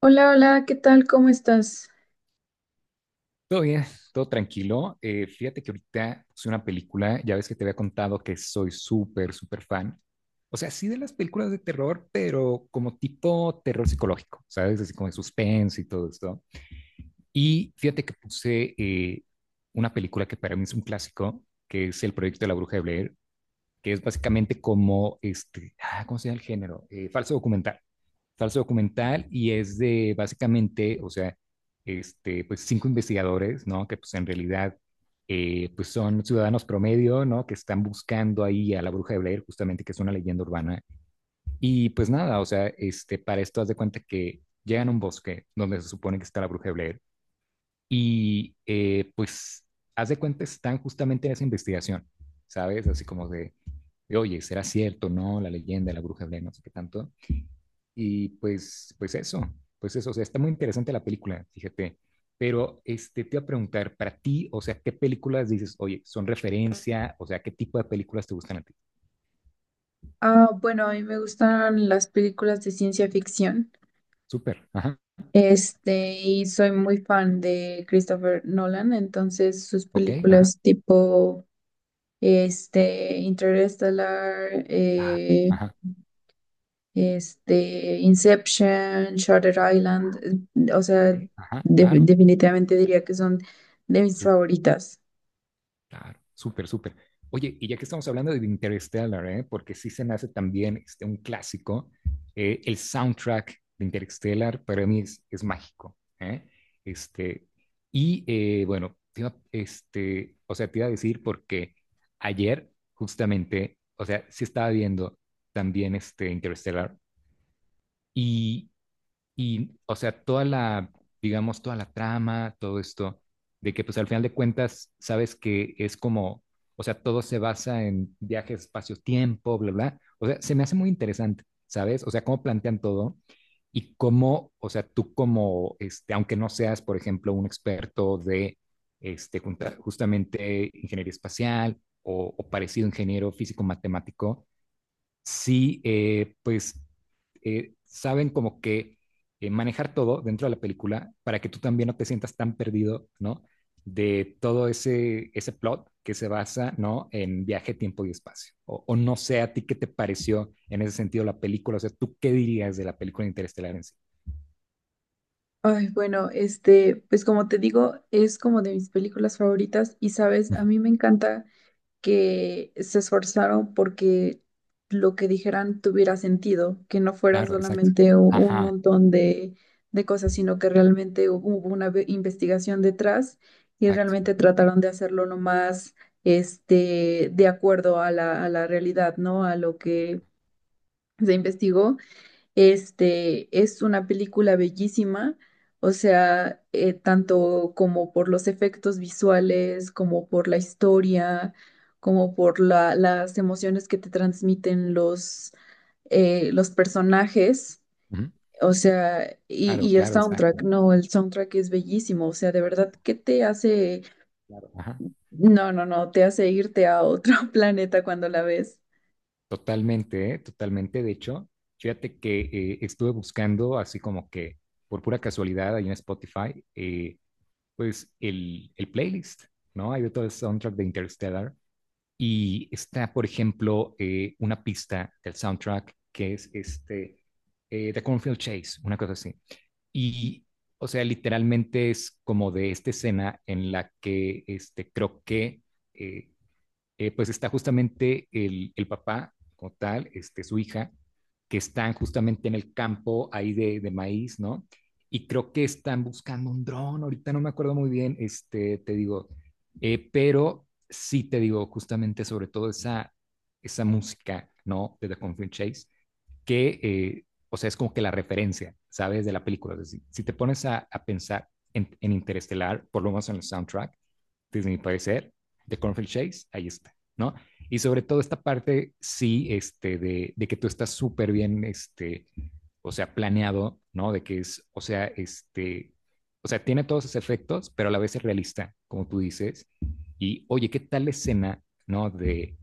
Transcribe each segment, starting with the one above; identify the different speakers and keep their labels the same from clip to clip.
Speaker 1: Hola, hola, ¿qué tal? ¿Cómo estás?
Speaker 2: Todo bien, todo tranquilo. Fíjate que ahorita puse una película, ya ves que te había contado que soy súper, súper fan. O sea, sí de las películas de terror, pero como tipo terror psicológico, ¿sabes? Así como de suspense y todo esto. Y fíjate que puse una película que para mí es un clásico, que es El Proyecto de la Bruja de Blair, que es básicamente como, ¿cómo se llama el género? Falso documental. Falso documental y es de básicamente, o sea, pues cinco investigadores, ¿no? Que pues en realidad, pues son ciudadanos promedio, ¿no? Que están buscando ahí a la bruja de Blair, justamente, que es una leyenda urbana. Y pues nada, o sea, para esto haz de cuenta que llegan a un bosque donde se supone que está la bruja de Blair y pues haz de cuenta están justamente en esa investigación, ¿sabes? Así como de y, oye, ¿será cierto, no? La leyenda, de la bruja Blair, no sé qué tanto. Y pues eso, o sea, está muy interesante la película, fíjate. Pero te iba a preguntar, para ti, o sea, ¿qué películas dices, oye, son referencia? O sea, ¿qué tipo de películas te gustan a ti?
Speaker 1: Ah, bueno, a mí me gustan las películas de ciencia ficción.
Speaker 2: Súper, ajá,
Speaker 1: Y soy muy fan de Christopher Nolan, entonces sus
Speaker 2: ok, ajá,
Speaker 1: películas tipo Interstellar,
Speaker 2: ah, ajá,
Speaker 1: Inception, Shutter Island, eh, o sea,
Speaker 2: ok, ajá, claro,
Speaker 1: definitivamente diría que son de mis favoritas.
Speaker 2: claro, súper, súper. Oye, y ya que estamos hablando de Interstellar, ¿eh? Porque sí se me hace también un clásico, el soundtrack de Interstellar para mí es mágico, ¿eh? Este, o sea, te iba a decir porque ayer justamente, o sea, sí estaba viendo también este Interstellar y, o sea, toda la, digamos, toda la trama, todo esto, de que pues al final de cuentas sabes que es como, o sea, todo se basa en viajes, espacio-tiempo, bla, bla. O sea, se me hace muy interesante, ¿sabes? O sea, cómo plantean todo y cómo, o sea, tú como, aunque no seas, por ejemplo, un experto de, justamente ingeniería espacial o parecido ingeniero físico-matemático, sí, pues saben como que manejar todo dentro de la película para que tú también no te sientas tan perdido, ¿no? De todo ese plot que se basa, ¿no? En viaje, tiempo y espacio. O no sé, a ti qué te pareció en ese sentido la película, o sea, ¿tú qué dirías de la película Interestelar en sí?
Speaker 1: Ay, bueno, pues como te digo, es como de mis películas favoritas y sabes, a mí me encanta. Que se esforzaron porque lo que dijeran tuviera sentido, que no fuera
Speaker 2: Claro, exacto.
Speaker 1: solamente un
Speaker 2: Ajá,
Speaker 1: montón de cosas, sino que realmente hubo una investigación detrás y realmente
Speaker 2: exacto.
Speaker 1: trataron de hacerlo lo más de acuerdo a a la realidad, ¿no? A lo que se investigó. Este es una película bellísima, o sea, tanto como por los efectos visuales, como por la historia, como por las emociones que te transmiten los personajes,
Speaker 2: Ujú.
Speaker 1: o sea,
Speaker 2: Claro,
Speaker 1: y el
Speaker 2: claro,
Speaker 1: soundtrack,
Speaker 2: exacto.
Speaker 1: no, el soundtrack es bellísimo, o sea, de verdad que te hace,
Speaker 2: Claro, ajá.
Speaker 1: no, te hace irte a otro planeta cuando la ves.
Speaker 2: Totalmente, ¿eh? Totalmente. De hecho, fíjate que estuve buscando así como que por pura casualidad ahí en Spotify, pues el playlist, ¿no? Hay de todo el soundtrack de Interstellar y está, por ejemplo, una pista del soundtrack que es The Cornfield Chase, una cosa así. Y, o sea, literalmente es como de esta escena en la que creo que eh, pues está justamente papá, como tal, su hija, que están justamente en el campo ahí de maíz, ¿no? Y creo que están buscando un dron, ahorita no me acuerdo muy bien, te digo, pero sí te digo, justamente sobre todo esa música, ¿no? De The Confident Chase, que, o sea, es como que la referencia, ¿sabes? De la película. Es decir, si te pones a pensar en Interestelar, por lo menos en el soundtrack, desde mi parecer, de Cornfield Chase, ahí está, ¿no? Y sobre todo esta parte, sí, de que tú estás súper bien, o sea, planeado, ¿no? De que es, o sea, o sea, tiene todos esos efectos, pero a la vez es realista, como tú dices. Y, oye, ¿qué tal la escena, ¿no? De,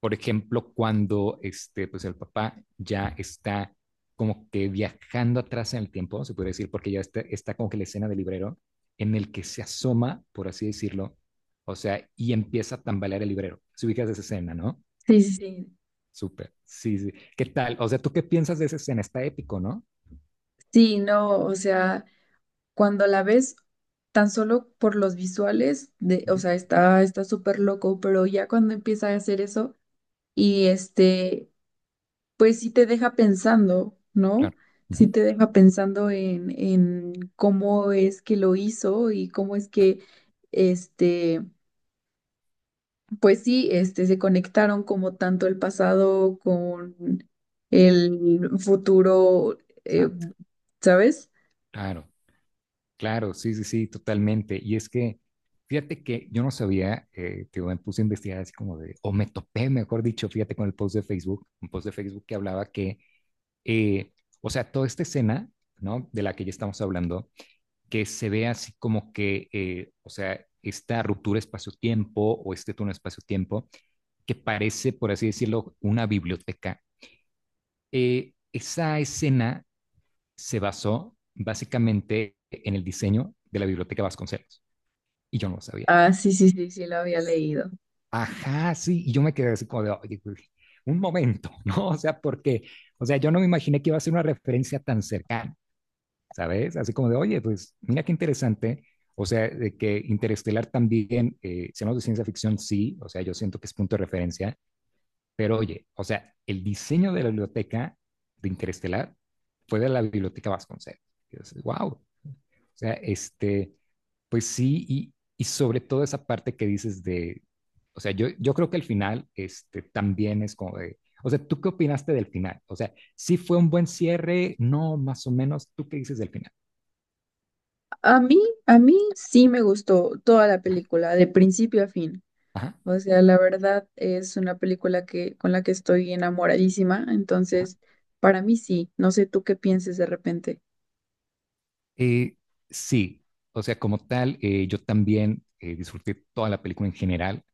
Speaker 2: por ejemplo, cuando, pues el papá ya está como que viajando atrás en el tiempo, se puede decir, porque ya está, está como que la escena del librero en el que se asoma, por así decirlo, o sea, y empieza a tambalear el librero. Si ubicas esa escena, ¿no?
Speaker 1: Sí, sí, sí,
Speaker 2: Súper. Sí, sí. ¿Qué tal? O sea, ¿tú qué piensas de esa escena? Está épico, ¿no?
Speaker 1: sí, no, o sea, cuando la ves tan solo por los visuales,
Speaker 2: Uh
Speaker 1: o
Speaker 2: -huh.
Speaker 1: sea, está súper loco, pero ya cuando empieza a hacer eso y este, pues sí te deja pensando, ¿no?
Speaker 2: Claro. Uh
Speaker 1: Sí
Speaker 2: -huh.
Speaker 1: te deja pensando en cómo es que lo hizo y cómo es que, este, pues sí, se conectaron como tanto el pasado con el futuro, eh,
Speaker 2: Exacto.
Speaker 1: ¿sabes?
Speaker 2: Claro, claro. Sí, sí, sí, totalmente. Y es que, fíjate que yo no sabía, que me puse a investigar así como de, o me topé, mejor dicho, fíjate con el post de Facebook, un post de Facebook que hablaba que, eh, o sea, toda esta escena, ¿no? De la que ya estamos hablando, que se vea así como que, o sea, esta ruptura espacio-tiempo o este túnel espacio-tiempo, que parece, por así decirlo, una biblioteca. Esa escena se basó básicamente en el diseño de la biblioteca Vasconcelos, y yo no lo sabía.
Speaker 1: Ah, sí, sí, sí, sí, lo había leído.
Speaker 2: Ajá, sí, y yo me quedé así como de, oye, un momento, ¿no? O sea, porque, o sea, yo no me imaginé que iba a ser una referencia tan cercana. ¿Sabes? Así como de, oye, pues mira qué interesante. O sea, de que Interestelar también, si hablamos de ciencia ficción, sí, o sea, yo siento que es punto de referencia, pero oye, o sea, el diseño de la biblioteca de Interestelar fue de la biblioteca Vasconcelos. Y dices, wow, o sea, pues sí, y sobre todo esa parte que dices de, o sea, yo creo que el final, también es como de, o sea, ¿tú qué opinaste del final? O sea, ¿sí fue un buen cierre? No, más o menos, ¿tú qué dices del final?
Speaker 1: A mí, a mí sí me gustó toda la película, de principio a fin.
Speaker 2: Ajá.
Speaker 1: O sea, la verdad es una película que, con la que estoy enamoradísima. Entonces, para mí sí. No sé tú qué pienses de repente.
Speaker 2: Eh, sí, o sea, como tal, yo también disfruté toda la película en general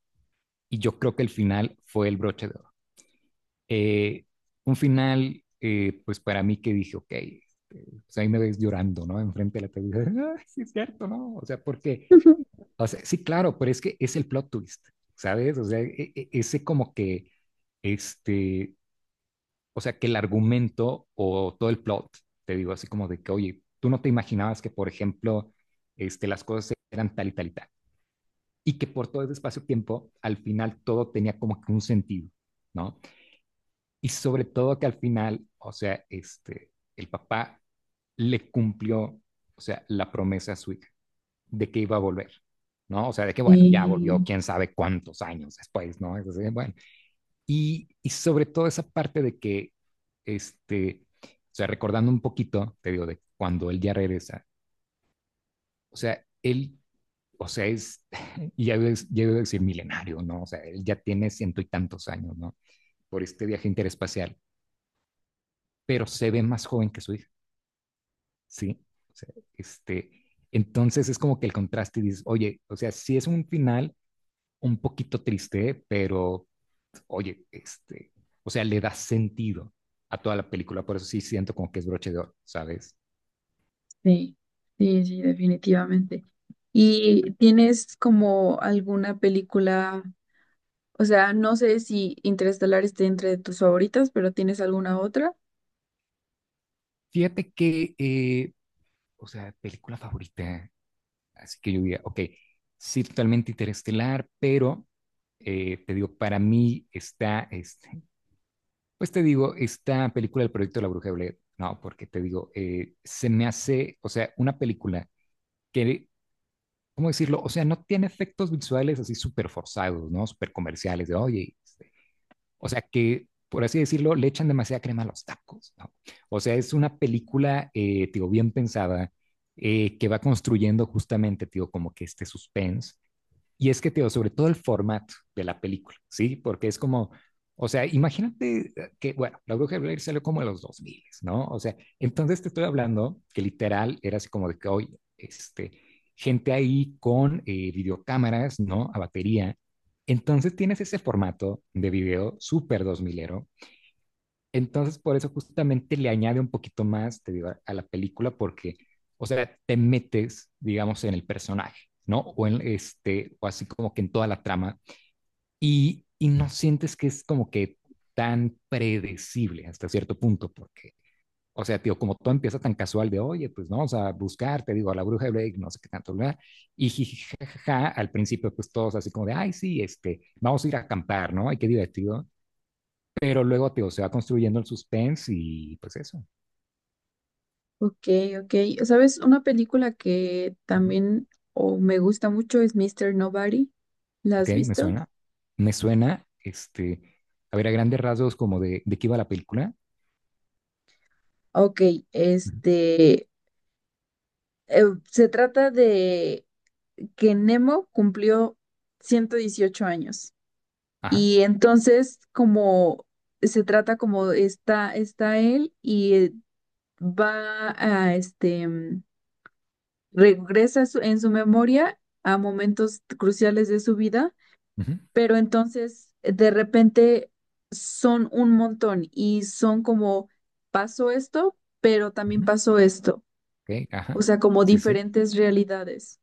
Speaker 2: y yo creo que el final fue el broche de oro. Eh, un final, pues para mí que dije, ok, pues ahí me ves llorando, ¿no? Enfrente de la televisión, "Ay, sí es cierto, ¿no? O sea, porque, o sea, sí, claro, pero es que es el plot twist, ¿sabes? O sea, ese como que, este, o sea, que el argumento o todo el plot, te digo así como de que, oye, tú no te imaginabas que, por ejemplo, las cosas eran tal y tal y tal. Y que por todo ese espacio-tiempo, al final todo tenía como que un sentido, ¿no? Y sobre todo que al final, o sea, el papá le cumplió, o sea, la promesa a su hija de que iba a volver, ¿no? O sea, de que, bueno, ya volvió
Speaker 1: Sí,
Speaker 2: quién sabe cuántos años después, ¿no? Entonces, bueno, y sobre todo esa parte de que, o sea, recordando un poquito, te digo, de cuando él ya regresa, o sea, él, o sea, es, y ya iba a decir milenario, ¿no? O sea, él ya tiene ciento y tantos años, ¿no? Por este viaje interespacial, pero se ve más joven que su hija, ¿sí? O sea, este, entonces es como que el contraste y dices, oye, o sea, sí es un final un poquito triste, pero oye, o sea, le da sentido a toda la película, por eso sí siento como que es broche de oro, ¿sabes?
Speaker 1: sí, sí, sí, definitivamente. ¿Y tienes como alguna película, o sea, no sé si Interestelar esté entre tus favoritas, pero tienes alguna otra?
Speaker 2: Fíjate que, o sea, película favorita, así que yo diría, ok, sí, totalmente Interestelar, pero te digo, para mí está, pues te digo, esta película del proyecto de la Bruja de Blair, no, porque te digo, se me hace, o sea, una película que ¿cómo decirlo? O sea, no tiene efectos visuales así súper forzados, ¿no? Súper comerciales, de oye, o sea, que por así decirlo, le echan demasiada crema a los tacos, ¿no? O sea, es una película, digo, bien pensada, que va construyendo justamente, digo, como que este suspense y es que, Teo, sobre todo el formato de la película, ¿sí? Porque es como, o sea, imagínate que, bueno, La Bruja de Blair salió como en los 2000, ¿no? O sea, entonces te estoy hablando que literal era así como de que, oye, este, gente ahí con videocámaras, ¿no? A batería. Entonces tienes ese formato de video súper dos milero, entonces, por eso justamente le añade un poquito más, te digo, a, la película, porque, o sea, te metes, digamos, en el personaje, ¿no? O en este, o así como que en toda la trama, y no sientes que es como que tan predecible hasta cierto punto, porque, o sea, tío, como todo empieza tan casual de, oye, pues vamos a buscar, te digo, a la bruja de Blake, no sé qué tanto, ¿verdad? Y jijijaja, al principio, pues todos así como de, ay, sí, vamos a ir a acampar, ¿no? Ay, qué divertido. Pero luego, tío, se va construyendo el suspense y pues eso.
Speaker 1: Ok, ok. ¿Sabes? Una película que
Speaker 2: Ujú.
Speaker 1: también o me gusta mucho es Mister Nobody. ¿La
Speaker 2: Ok,
Speaker 1: has
Speaker 2: me
Speaker 1: visto?
Speaker 2: suena. Me suena, a ver, a grandes rasgos como de qué iba la película.
Speaker 1: Ok,
Speaker 2: Ujú.
Speaker 1: este, eh, se trata de que Nemo cumplió 118 años
Speaker 2: Ajá.
Speaker 1: y entonces como se trata como está él y va a, regresa en su memoria a momentos cruciales de su vida,
Speaker 2: Ujú,
Speaker 1: pero entonces de repente son un montón y son como pasó esto, pero también
Speaker 2: ujú,
Speaker 1: pasó esto,
Speaker 2: ok,
Speaker 1: o
Speaker 2: ajá.
Speaker 1: sea, como
Speaker 2: Sí, sí.
Speaker 1: diferentes realidades.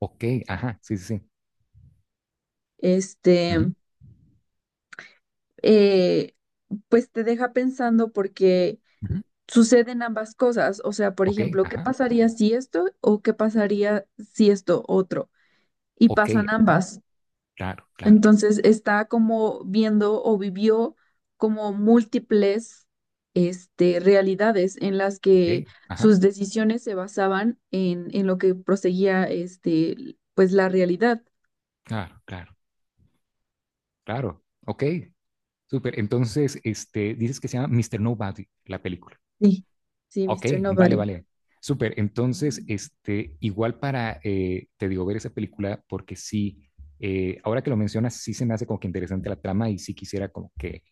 Speaker 2: Ok, ajá. Sí, sí, sí. Ujú,
Speaker 1: Este, eh, pues te deja pensando porque
Speaker 2: ujú,
Speaker 1: suceden ambas cosas, o sea, por
Speaker 2: ok,
Speaker 1: ejemplo, ¿qué
Speaker 2: ajá.
Speaker 1: pasaría si esto o qué pasaría si esto otro? Y
Speaker 2: Ok,
Speaker 1: pasan ambas.
Speaker 2: claro, claro.
Speaker 1: Entonces está como viendo o vivió como múltiples realidades en las
Speaker 2: Ok,
Speaker 1: que
Speaker 2: ajá.
Speaker 1: sus decisiones se basaban en lo que proseguía, pues la realidad.
Speaker 2: Claro, claro, claro. Ok, súper. Entonces, dices que se llama Mister Nobody, la película.
Speaker 1: Sí, sí,
Speaker 2: Ok,
Speaker 1: Mister
Speaker 2: vale,
Speaker 1: Nobody.
Speaker 2: vale. Súper. Entonces, igual para, te digo, ver esa película, porque sí, ahora que lo mencionas, sí se me hace como que interesante la trama y sí quisiera como que,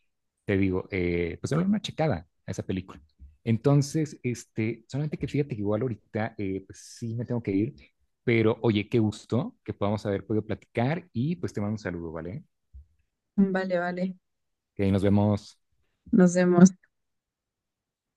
Speaker 2: te digo, pues darle una checada a esa película. Entonces, solamente que fíjate que igual ahorita, pues sí me tengo que ir, pero oye, qué gusto que podamos haber podido platicar y pues te mando un saludo, ¿vale?
Speaker 1: Vale, vale.
Speaker 2: Que ahí nos vemos.
Speaker 1: Nos vemos.